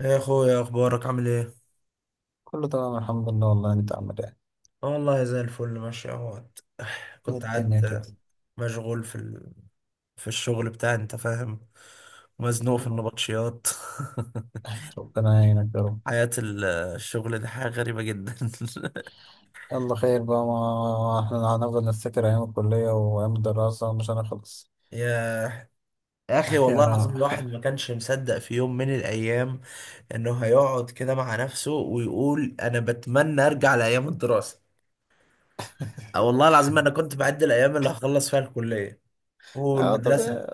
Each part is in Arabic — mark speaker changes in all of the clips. Speaker 1: يا اخويا اخبارك عامل ايه؟
Speaker 2: كله تمام، الحمد لله. والله انت عامل ايه؟
Speaker 1: اه والله زي الفل ماشي اهوت.
Speaker 2: ايه
Speaker 1: كنت قاعد
Speaker 2: الدنيا كده؟
Speaker 1: مشغول في الشغل بتاعي، انت فاهم، مزنوق في النبطشيات.
Speaker 2: ربنا يعينك يا رب.
Speaker 1: حياة الشغل دي حاجة غريبة جدا.
Speaker 2: يلا خير بقى، ما احنا هنفضل نفتكر ايام الكلية وايام الدراسة مش هنخلص.
Speaker 1: يا يا اخي والله
Speaker 2: يعني.
Speaker 1: العظيم الواحد ما كانش مصدق في يوم من الايام انه هيقعد كده مع نفسه ويقول انا بتمنى ارجع لايام الدراسة. اه والله العظيم انا كنت بعد الايام اللي هخلص فيها الكلية
Speaker 2: اه،
Speaker 1: والمدرسة.
Speaker 2: طبيعي.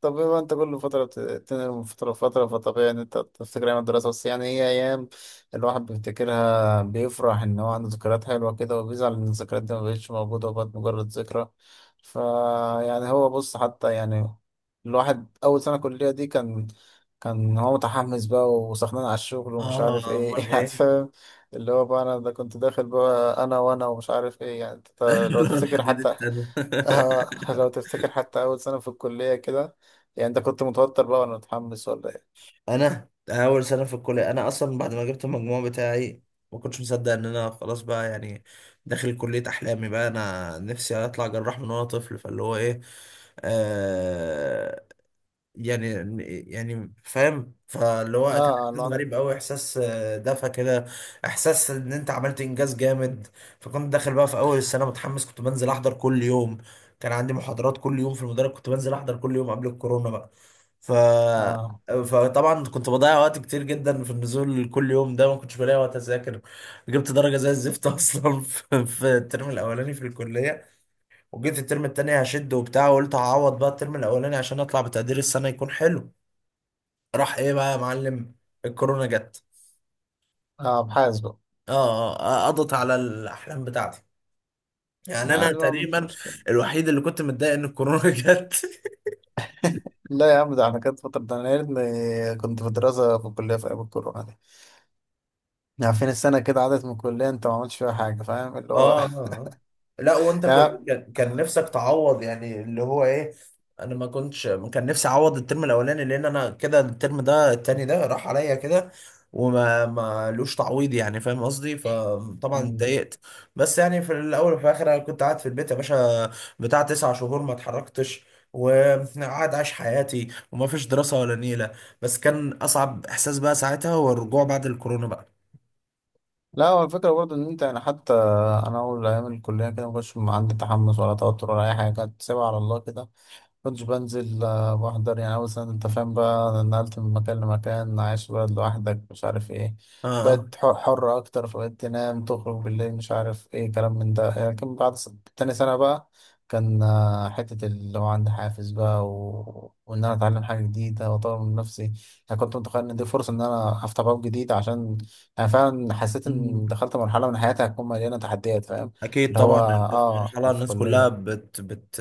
Speaker 2: طب بما انت كل فترة بتنقل من فترة لفترة، فطبيعي ان انت تفتكر ايام الدراسة. بس يعني هي ايام الواحد بيفتكرها بيفرح ان هو عنده ذكريات حلوة كده، وبيزعل ان الذكريات دي مبقتش موجودة وبقت مجرد ذكرى. فا يعني هو بص، حتى يعني الواحد اول سنة كلية دي كان هو متحمس بقى وسخنان على الشغل ومش عارف
Speaker 1: اه
Speaker 2: ايه.
Speaker 1: امال
Speaker 2: يعني
Speaker 1: ايه؟
Speaker 2: فاهم، اللي هو بقى انا ده كنت داخل بقى انا ومش عارف ايه، يعني انت لو
Speaker 1: انا
Speaker 2: تفتكر
Speaker 1: لحد دي
Speaker 2: حتى.
Speaker 1: السنه.
Speaker 2: لو تفتكر حتى أول سنة في الكلية كده. يعني أنت كنت متوتر بقى ولا متحمس ولا إيه؟
Speaker 1: انا اول سنه في الكليه، انا اصلا بعد ما جبت المجموع بتاعي ما كنتش مصدق ان انا خلاص بقى، يعني داخل كليه احلامي، بقى انا نفسي اطلع جراح من وانا طفل، فاللي هو ايه، آه يعني، يعني فاهم، فاللي هو كان
Speaker 2: آه آه،
Speaker 1: احساس
Speaker 2: لون.
Speaker 1: غريب قوي، احساس دفى كده، احساس ان انت عملت انجاز جامد. فكنت داخل بقى في اول السنه متحمس، كنت بنزل احضر كل يوم، كان عندي محاضرات كل يوم في المدرج، كنت بنزل احضر كل يوم قبل الكورونا بقى. ف...
Speaker 2: آه
Speaker 1: فطبعا كنت بضيع وقت كتير جدا في النزول كل يوم ده، ما كنتش بلاقي وقت اذاكر. جبت درجه زي الزفت اصلا في الترم الاولاني في الكليه. وجيت الترم التاني هشد وبتاع، وقلت هعوض بقى الترم الاولاني عشان اطلع بتقدير السنه يكون حلو. راح ايه بقى يا معلم؟ الكورونا جت.
Speaker 2: آه، أبحاث بقى.
Speaker 1: اه، قضت على الاحلام بتاعتي. يعني انا
Speaker 2: عادي بقى، مش
Speaker 1: تقريبا
Speaker 2: مشكلة.
Speaker 1: الوحيد اللي كنت متضايق ان الكورونا جت.
Speaker 2: لا يا عم، ده أنا كانت فترة، ده أنا يا ريتني كنت في دراسة في الكلية في أيام الكورونا دي. يعني فين السنة كده عدت من الكلية، أنت ما عملتش فيها حاجة، فاهم اللي
Speaker 1: اه،
Speaker 2: هو.
Speaker 1: آه، آه. لا، وانت
Speaker 2: يعني.
Speaker 1: كان نفسك تعوض، يعني اللي هو ايه. انا ما كنتش، كان نفسي اعوض الترم الاولاني، لان انا كده الترم ده التاني ده راح عليا كده، وما ما لوش تعويض يعني، فاهم قصدي، فطبعا
Speaker 2: مم.
Speaker 1: اتضايقت. بس يعني في الاول وفي الاخر انا كنت قاعد في البيت يا باشا، بتاع تسع شهور ما اتحركتش، وقاعد عايش حياتي وما فيش دراسة ولا نيلة. بس كان اصعب احساس بقى ساعتها هو الرجوع بعد الكورونا بقى.
Speaker 2: لا، هو الفكرة برضه إن أنت يعني حتى أنا أول أيام الكلية كده ما كنتش عندي تحمس ولا توتر ولا أي حاجة، كنت سايبها على الله كده. كنتش بنزل، بحضر يعني أول سنة. أنت فاهم بقى نقلت من مكان لمكان، عايش بقى لوحدك، مش عارف إيه.
Speaker 1: اه،
Speaker 2: بقت حرة أكتر، فبقيت تنام تخرج بالليل، مش عارف إيه كلام من ده. لكن بعد تاني سنة بقى كان، حتة اللي هو عندي حافز بقى، و... وإن أنا أتعلم حاجة جديدة وأطور من نفسي. أنا كنت متخيل إن دي فرصة إن أنا أفتح باب جديد، عشان أنا فعلا حسيت إن
Speaker 1: اه،
Speaker 2: دخلت مرحلة من حياتي هتكون مليانة تحديات، فاهم.
Speaker 1: اكيد
Speaker 2: اللي هو
Speaker 1: طبعا. انت في مرحله
Speaker 2: أنا في
Speaker 1: الناس كلها
Speaker 2: كلية.
Speaker 1: بت،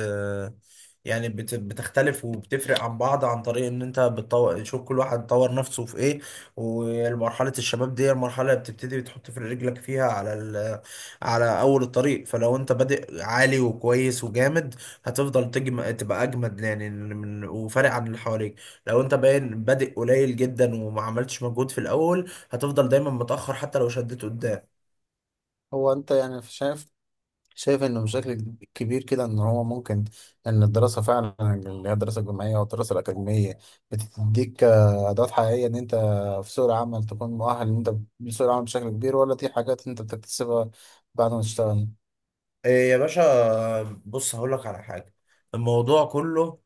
Speaker 1: يعني بتختلف وبتفرق عن بعض، عن طريق ان انت بتطور، شوف كل واحد طور نفسه في ايه. ومرحله الشباب دي المرحله اللي بتبتدي بتحط في رجلك فيها على اول الطريق، فلو انت بادئ عالي وكويس وجامد هتفضل تبقى اجمد، وفارق عن اللي حواليك. لو انت باين بادئ قليل جدا وما عملتش مجهود في الاول هتفضل دايما متاخر حتى لو شديت قدام.
Speaker 2: هو انت يعني شايف انه بشكل كبير كده ان هو ممكن ان الدراسه فعلا، اللي هي الدراسه الجامعيه والدراسه الاكاديميه، بتديك ادوات حقيقيه ان انت في سوق العمل تكون مؤهل ان انت لسوق العمل بشكل كبير، ولا دي حاجات انت بتكتسبها بعد ما تشتغل؟
Speaker 1: إيه يا باشا؟ بص هقول لك على حاجة. الموضوع كله،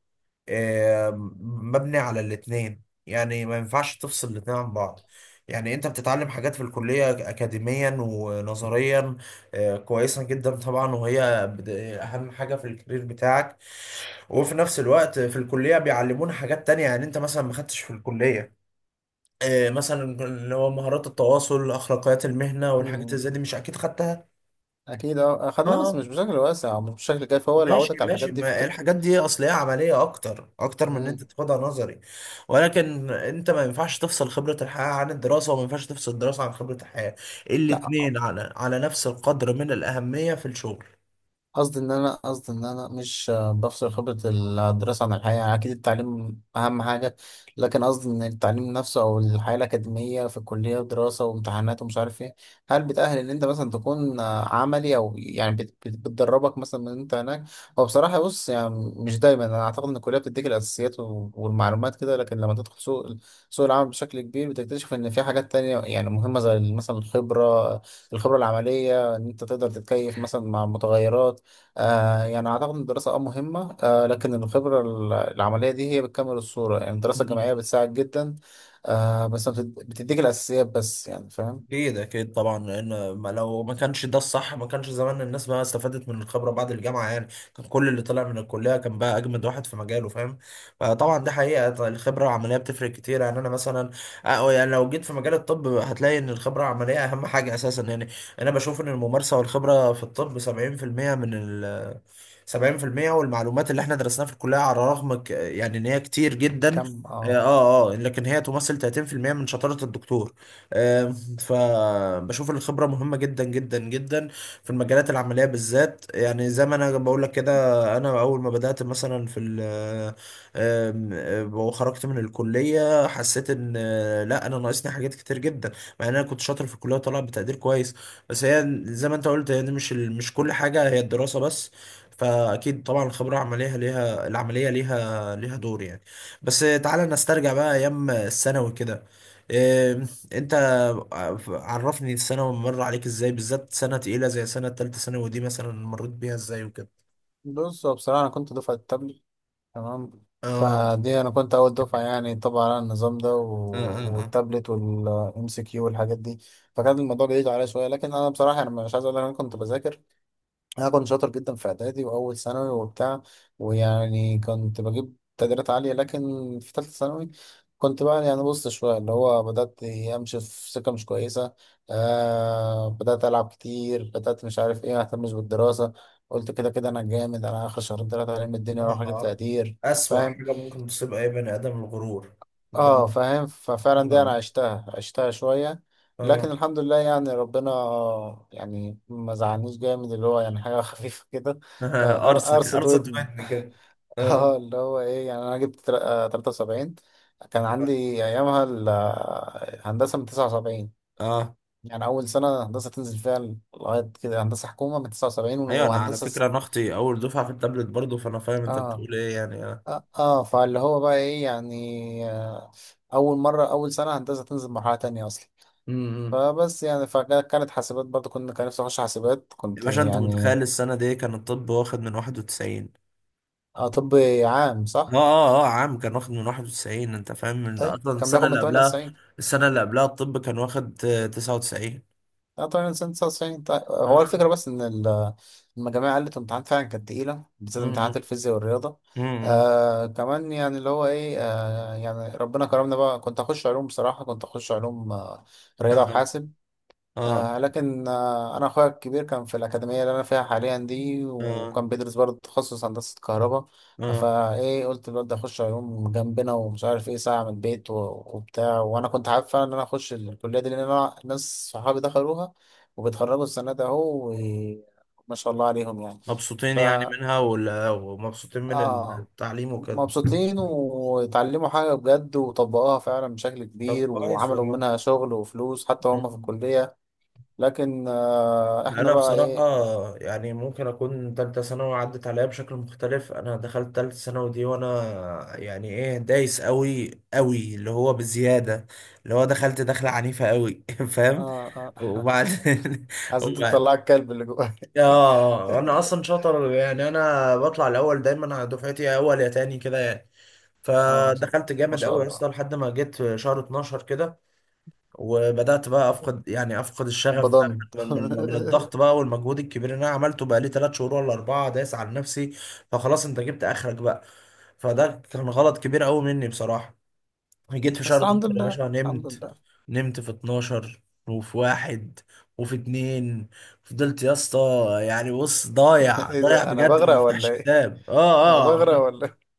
Speaker 1: إيه، مبني على الاتنين، يعني ما ينفعش تفصل الاتنين عن بعض. يعني انت بتتعلم حاجات في الكلية اكاديميا ونظريا، إيه، كويسة جدا طبعا، وهي اهم حاجة في الكارير بتاعك. وفي نفس الوقت في الكلية بيعلمونا حاجات تانية، يعني انت مثلا ما خدتش في الكلية، إيه، مثلا اللي هو مهارات التواصل، اخلاقيات المهنة والحاجات اللي زي
Speaker 2: مم.
Speaker 1: دي، مش اكيد خدتها.
Speaker 2: اكيد،
Speaker 1: اه،
Speaker 2: اخدناه بس
Speaker 1: آه.
Speaker 2: مش بشكل واسع أو مش بشكل كافي، هو اللي
Speaker 1: ماشي
Speaker 2: عودك على الحاجات
Speaker 1: ماشي،
Speaker 2: دي،
Speaker 1: ما
Speaker 2: فكره.
Speaker 1: الحاجات دي اصل هي عمليه اكتر، اكتر من ان انت
Speaker 2: مم.
Speaker 1: تاخدها نظري. ولكن انت ما ينفعش تفصل خبره الحياه عن الدراسه، وما ينفعش تفصل الدراسه عن خبره الحياه.
Speaker 2: لا
Speaker 1: الاتنين على على نفس القدر من الاهميه في الشغل.
Speaker 2: قصدي ان انا، قصدي ان انا مش بفصل خبرة الدراسة عن الحياة، يعني اكيد التعليم اهم حاجة. لكن قصدي ان التعليم نفسه او الحياة الاكاديمية في الكلية ودراسة وامتحانات ومش عارف ايه، هل بتأهل ان انت مثلا تكون عملي، او يعني بتدربك مثلا من انت هناك؟ هو بصراحة بص، يعني مش دايما. انا اعتقد ان الكلية بتديك الاساسيات والمعلومات كده، لكن لما تدخل سوق العمل بشكل كبير بتكتشف ان في حاجات تانية يعني مهمة، زي مثلا الخبرة العملية، ان انت تقدر تتكيف مثلا مع متغيرات. يعني أعتقد إن الدراسة مهمة، لكن الخبرة العملية دي هي بتكمل الصورة. يعني الدراسة الجامعية بتساعد جدا، آه بس ما بتد- بتديك الأساسيات بس، يعني فاهم.
Speaker 1: اكيد اكيد طبعا، لان ما لو ما كانش ده الصح ما كانش زمان الناس بقى استفادت من الخبره بعد الجامعه، يعني كان كل اللي طلع من الكليه كان بقى اجمد واحد في مجاله، فاهم؟ فطبعا ده حقيقه، الخبره العمليه بتفرق كتير. يعني انا مثلا، أه يعني لو جيت في مجال الطب هتلاقي ان الخبره العمليه اهم حاجه اساسا يعني. انا بشوف ان الممارسه والخبره في الطب 70% من ال 70%، والمعلومات اللي احنا درسناها في الكليه على الرغم يعني ان هي كتير جدا،
Speaker 2: الكم
Speaker 1: لكن هي تمثل 30% من شطاره الدكتور. آه، فبشوف ان الخبرة مهمة جدا جدا جدا في المجالات العملية بالذات، يعني زي ما انا بقول لك كده. انا اول ما بدأت مثلا في ال آم، آم، آه، وخرجت من الكلية حسيت ان لا انا ناقصني حاجات كتير جدا، مع ان انا كنت شاطر في الكلية وطالع بتقدير كويس. بس هي زي ما انت قلت، يعني مش كل حاجة هي الدراسة بس. فاكيد طبعا الخبرة العملية ليها، العملية ليها دور يعني. بس تعالى نسترجع بقى ايام الثانوي كده، إيه، انت، طب عرفني السنة مر عليك ازاي؟ بالذات سنة تقيلة زي سنة تالتة ثانوي دي مثلا، مريت بيها ازاي وكده؟
Speaker 2: بص. هو بصراحة أنا كنت دفعة التابلت، تمام.
Speaker 1: اه،
Speaker 2: فدي أنا كنت أول دفعة، يعني طبعا على النظام ده
Speaker 1: اه،
Speaker 2: و...
Speaker 1: اه، اه،
Speaker 2: والتابلت والإم سي كيو والحاجات دي. فكان الموضوع بعيد عليا شوية، لكن أنا بصراحة أنا مش عايز أقول لك أنا كنت بذاكر. انا كنت شاطر جدا في اعدادي واول ثانوي وبتاع، ويعني كنت بجيب تقديرات عاليه. لكن في ثالثه ثانوي كنت بقى يعني بص شويه، اللي هو بدات امشي في سكه مش كويسه. بدات العب كتير، بدات مش عارف ايه، ما اهتمش بالدراسه. قلت كده كده انا جامد، انا اخر شهرين ثلاثه علم الدنيا
Speaker 1: اه،
Speaker 2: اروح اجيب
Speaker 1: آه.
Speaker 2: تقدير،
Speaker 1: أسوأ
Speaker 2: فاهم.
Speaker 1: حاجة ممكن تصيب أي بني آدم الغرور.
Speaker 2: اه
Speaker 1: الدنيا.
Speaker 2: فاهم، ففعلا دي
Speaker 1: اه،
Speaker 2: انا عشتها، عشتها شوية.
Speaker 1: اه.
Speaker 2: لكن الحمد لله يعني ربنا، يعني ما زعلنيش جامد، اللي هو يعني حاجة خفيفة كده.
Speaker 1: أرسنال
Speaker 2: قرصة
Speaker 1: أرسنال
Speaker 2: ودن.
Speaker 1: تبعتني كده. اه،
Speaker 2: اه اللي هو ايه، يعني انا جبت 73. كان
Speaker 1: اه،
Speaker 2: عندي ايامها هندسة من 79،
Speaker 1: آه.
Speaker 2: يعني اول سنة هندسة تنزل فيها لغاية كده. هندسة حكومة من 79
Speaker 1: أيوة، أنا على
Speaker 2: وهندسة
Speaker 1: فكرة أنا أختي أول دفعة في التابلت برضه، فأنا فاهم أنت
Speaker 2: اه
Speaker 1: بتقول إيه، يعني اه.
Speaker 2: اه. فاللي هو بقى ايه، يعني اول مرة اول سنة هندسة تنزل مرحلة تانية اصلا.
Speaker 1: أمم.
Speaker 2: فبس يعني، فكانت حاسبات برضه، كان نفسي اخش حاسبات
Speaker 1: يا
Speaker 2: كنت
Speaker 1: باشا أنت
Speaker 2: يعني.
Speaker 1: متخيل السنة دي كان الطب واخد من 91؟
Speaker 2: اه طب، عام
Speaker 1: اه،
Speaker 2: صح؟
Speaker 1: اه، اه، عام كان واخد من 91، انت فاهم من ده؟
Speaker 2: طيب
Speaker 1: اصلا
Speaker 2: كان
Speaker 1: السنه
Speaker 2: بياخد
Speaker 1: اللي
Speaker 2: من
Speaker 1: قبلها،
Speaker 2: 98،
Speaker 1: السنه اللي قبلها الطب كان واخد 99.
Speaker 2: اه 98 99. طيب هو
Speaker 1: اه،
Speaker 2: الفكرة بس ان المجاميع قلت، الامتحانات فعلا كانت تقيلة، بالذات امتحانات
Speaker 1: م-
Speaker 2: الفيزياء والرياضة.
Speaker 1: م.
Speaker 2: آه كمان يعني اللي هو ايه، يعني ربنا كرمنا بقى. كنت اخش علوم، رياضة
Speaker 1: اه،
Speaker 2: وحاسب. لكن أنا أخويا الكبير كان في الأكاديمية اللي أنا فيها حاليا دي،
Speaker 1: اه،
Speaker 2: وكان بيدرس برضه تخصص هندسة كهرباء.
Speaker 1: اه.
Speaker 2: فإيه، قلت الواد ده أخش علوم جنبنا، ومش عارف إيه ساعة من البيت وبتاع. وأنا كنت حابب فعلا إن أنا أخش الكلية دي، لأن أنا ناس صحابي دخلوها وبيتخرجوا السنة ده أهو، وما شاء الله عليهم يعني.
Speaker 1: مبسوطين
Speaker 2: ف
Speaker 1: يعني منها ومبسوطين من
Speaker 2: آه
Speaker 1: التعليم وكده؟
Speaker 2: مبسوطين، واتعلموا حاجة بجد وطبقوها فعلا بشكل
Speaker 1: طب
Speaker 2: كبير،
Speaker 1: كويس،
Speaker 2: وعملوا منها شغل وفلوس حتى وهم في
Speaker 1: والله.
Speaker 2: الكلية. لكن احنا
Speaker 1: انا
Speaker 2: بقى
Speaker 1: بصراحه،
Speaker 2: ايه.
Speaker 1: يعني ممكن اكون تالتة ثانوي عدت عليا بشكل مختلف. انا دخلت تالتة ثانوي دي وانا يعني ايه، دايس قوي قوي، اللي هو بزياده، اللي هو دخلت دخله عنيفه قوي فاهم.
Speaker 2: آه آه
Speaker 1: وبعد
Speaker 2: عايزين
Speaker 1: وبعد،
Speaker 2: تطلع الكلب اللي جواك.
Speaker 1: اه انا اصلا شاطر، يعني انا بطلع الاول دايما على دفعتي يا اول يا تاني كده يعني.
Speaker 2: اه، إن شاء الله.
Speaker 1: فدخلت
Speaker 2: ما
Speaker 1: جامد
Speaker 2: شاء
Speaker 1: قوي
Speaker 2: الله.
Speaker 1: اصلا لحد ما جيت شهر 12 كده، وبدأت بقى أفقد يعني أفقد الشغف بقى
Speaker 2: بضنت.
Speaker 1: من الضغط بقى والمجهود الكبير اللي أنا عملته بقى لي تلات شهور ولا أربعة دايس على نفسي. فخلاص أنت جبت آخرك بقى. فده كان غلط كبير أوي مني بصراحة. جيت في شهر
Speaker 2: بس
Speaker 1: 12
Speaker 2: الحمد
Speaker 1: يا
Speaker 2: لله،
Speaker 1: باشا
Speaker 2: الحمد
Speaker 1: نمت،
Speaker 2: لله.
Speaker 1: نمت في 12، وفي واحد، وفي اتنين، فضلت يا اسطى، يعني بص ضايع
Speaker 2: ايه
Speaker 1: ضايع
Speaker 2: ده، انا
Speaker 1: بجد ما
Speaker 2: بغرق ولا
Speaker 1: بفتحش
Speaker 2: ايه؟
Speaker 1: كتاب،
Speaker 2: انا
Speaker 1: اه اه،
Speaker 2: بغرق
Speaker 1: عمال،
Speaker 2: ولا ايه؟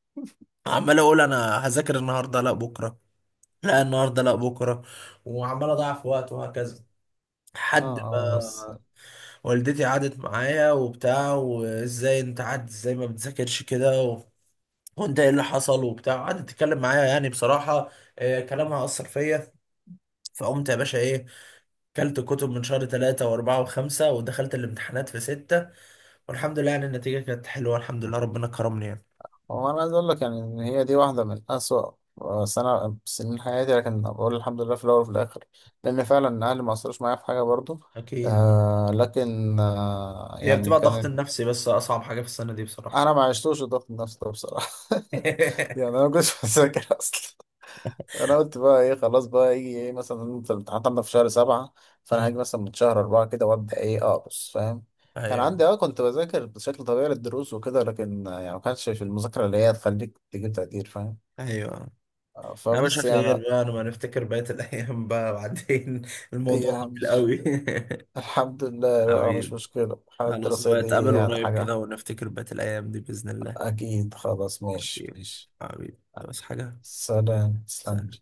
Speaker 1: عمال اقول انا هذاكر النهارده لا بكره، لا النهارده لا بكره، وعمال اضيع في وقت وهكذا، حد
Speaker 2: اه بس.
Speaker 1: ما والدتي قعدت معايا وبتاع، وازاي انت قعدت ازاي ما بتذاكرش كده وانت ايه اللي حصل وبتاع، قعدت تتكلم معايا يعني بصراحة، كلامها أثر فيا. فقمت يا باشا ايه، كلت كتب من شهر ثلاثة وأربعة وخمسة، ودخلت الامتحانات في ستة، والحمد لله يعني النتيجة كانت حلوة، الحمد لله ربنا كرمني يعني.
Speaker 2: هو انا عايز اقول لك، يعني ان هي دي واحده من اسوأ آه، سنه سنين حياتي، لكن بقول الحمد لله في الاول وفي الاخر، لان فعلا اهلي ما قصروش معايا في حاجه برضو.
Speaker 1: أكيد،
Speaker 2: لكن
Speaker 1: هي
Speaker 2: يعني
Speaker 1: بتبقى الضغط
Speaker 2: كان.
Speaker 1: النفسي بس أصعب حاجة في السنة دي بصراحة.
Speaker 2: انا ما عشتوش الضغط النفسي ده بصراحه. يعني انا ما كنتش بذاكر اصلا. انا قلت بقى ايه، خلاص بقى يجي ايه، مثلا انت الامتحانات عندك في شهر سبعة، فانا
Speaker 1: أمم،
Speaker 2: هاجي مثلا من شهر اربعة كده وابدا ايه اقص، فاهم. كان
Speaker 1: أيوه،
Speaker 2: عندي كنت بذاكر بشكل طبيعي للدروس وكده، لكن يعني ما كانش في المذاكره اللي هي تخليك تجيب تقدير، فاهم.
Speaker 1: أيوه. لا مش
Speaker 2: فبس يعني.
Speaker 1: خير بقى، انا ما نفتكر بقية الايام بقى بعدين،
Speaker 2: هي
Speaker 1: الموضوع طويل قوي.
Speaker 2: الحمد لله بقى، مش
Speaker 1: حبيبي.
Speaker 2: مشكله الحاله
Speaker 1: خلاص
Speaker 2: الدراسيه
Speaker 1: بقى
Speaker 2: دي
Speaker 1: نتقابل
Speaker 2: يعني
Speaker 1: قريب
Speaker 2: حاجه.
Speaker 1: كده ونفتكر بقية الايام دي باذن الله.
Speaker 2: اكيد خلاص، ماشي
Speaker 1: حبيبي،
Speaker 2: ماشي.
Speaker 1: حبيبي، بس حاجة.
Speaker 2: سلام، تسلم.
Speaker 1: سلام.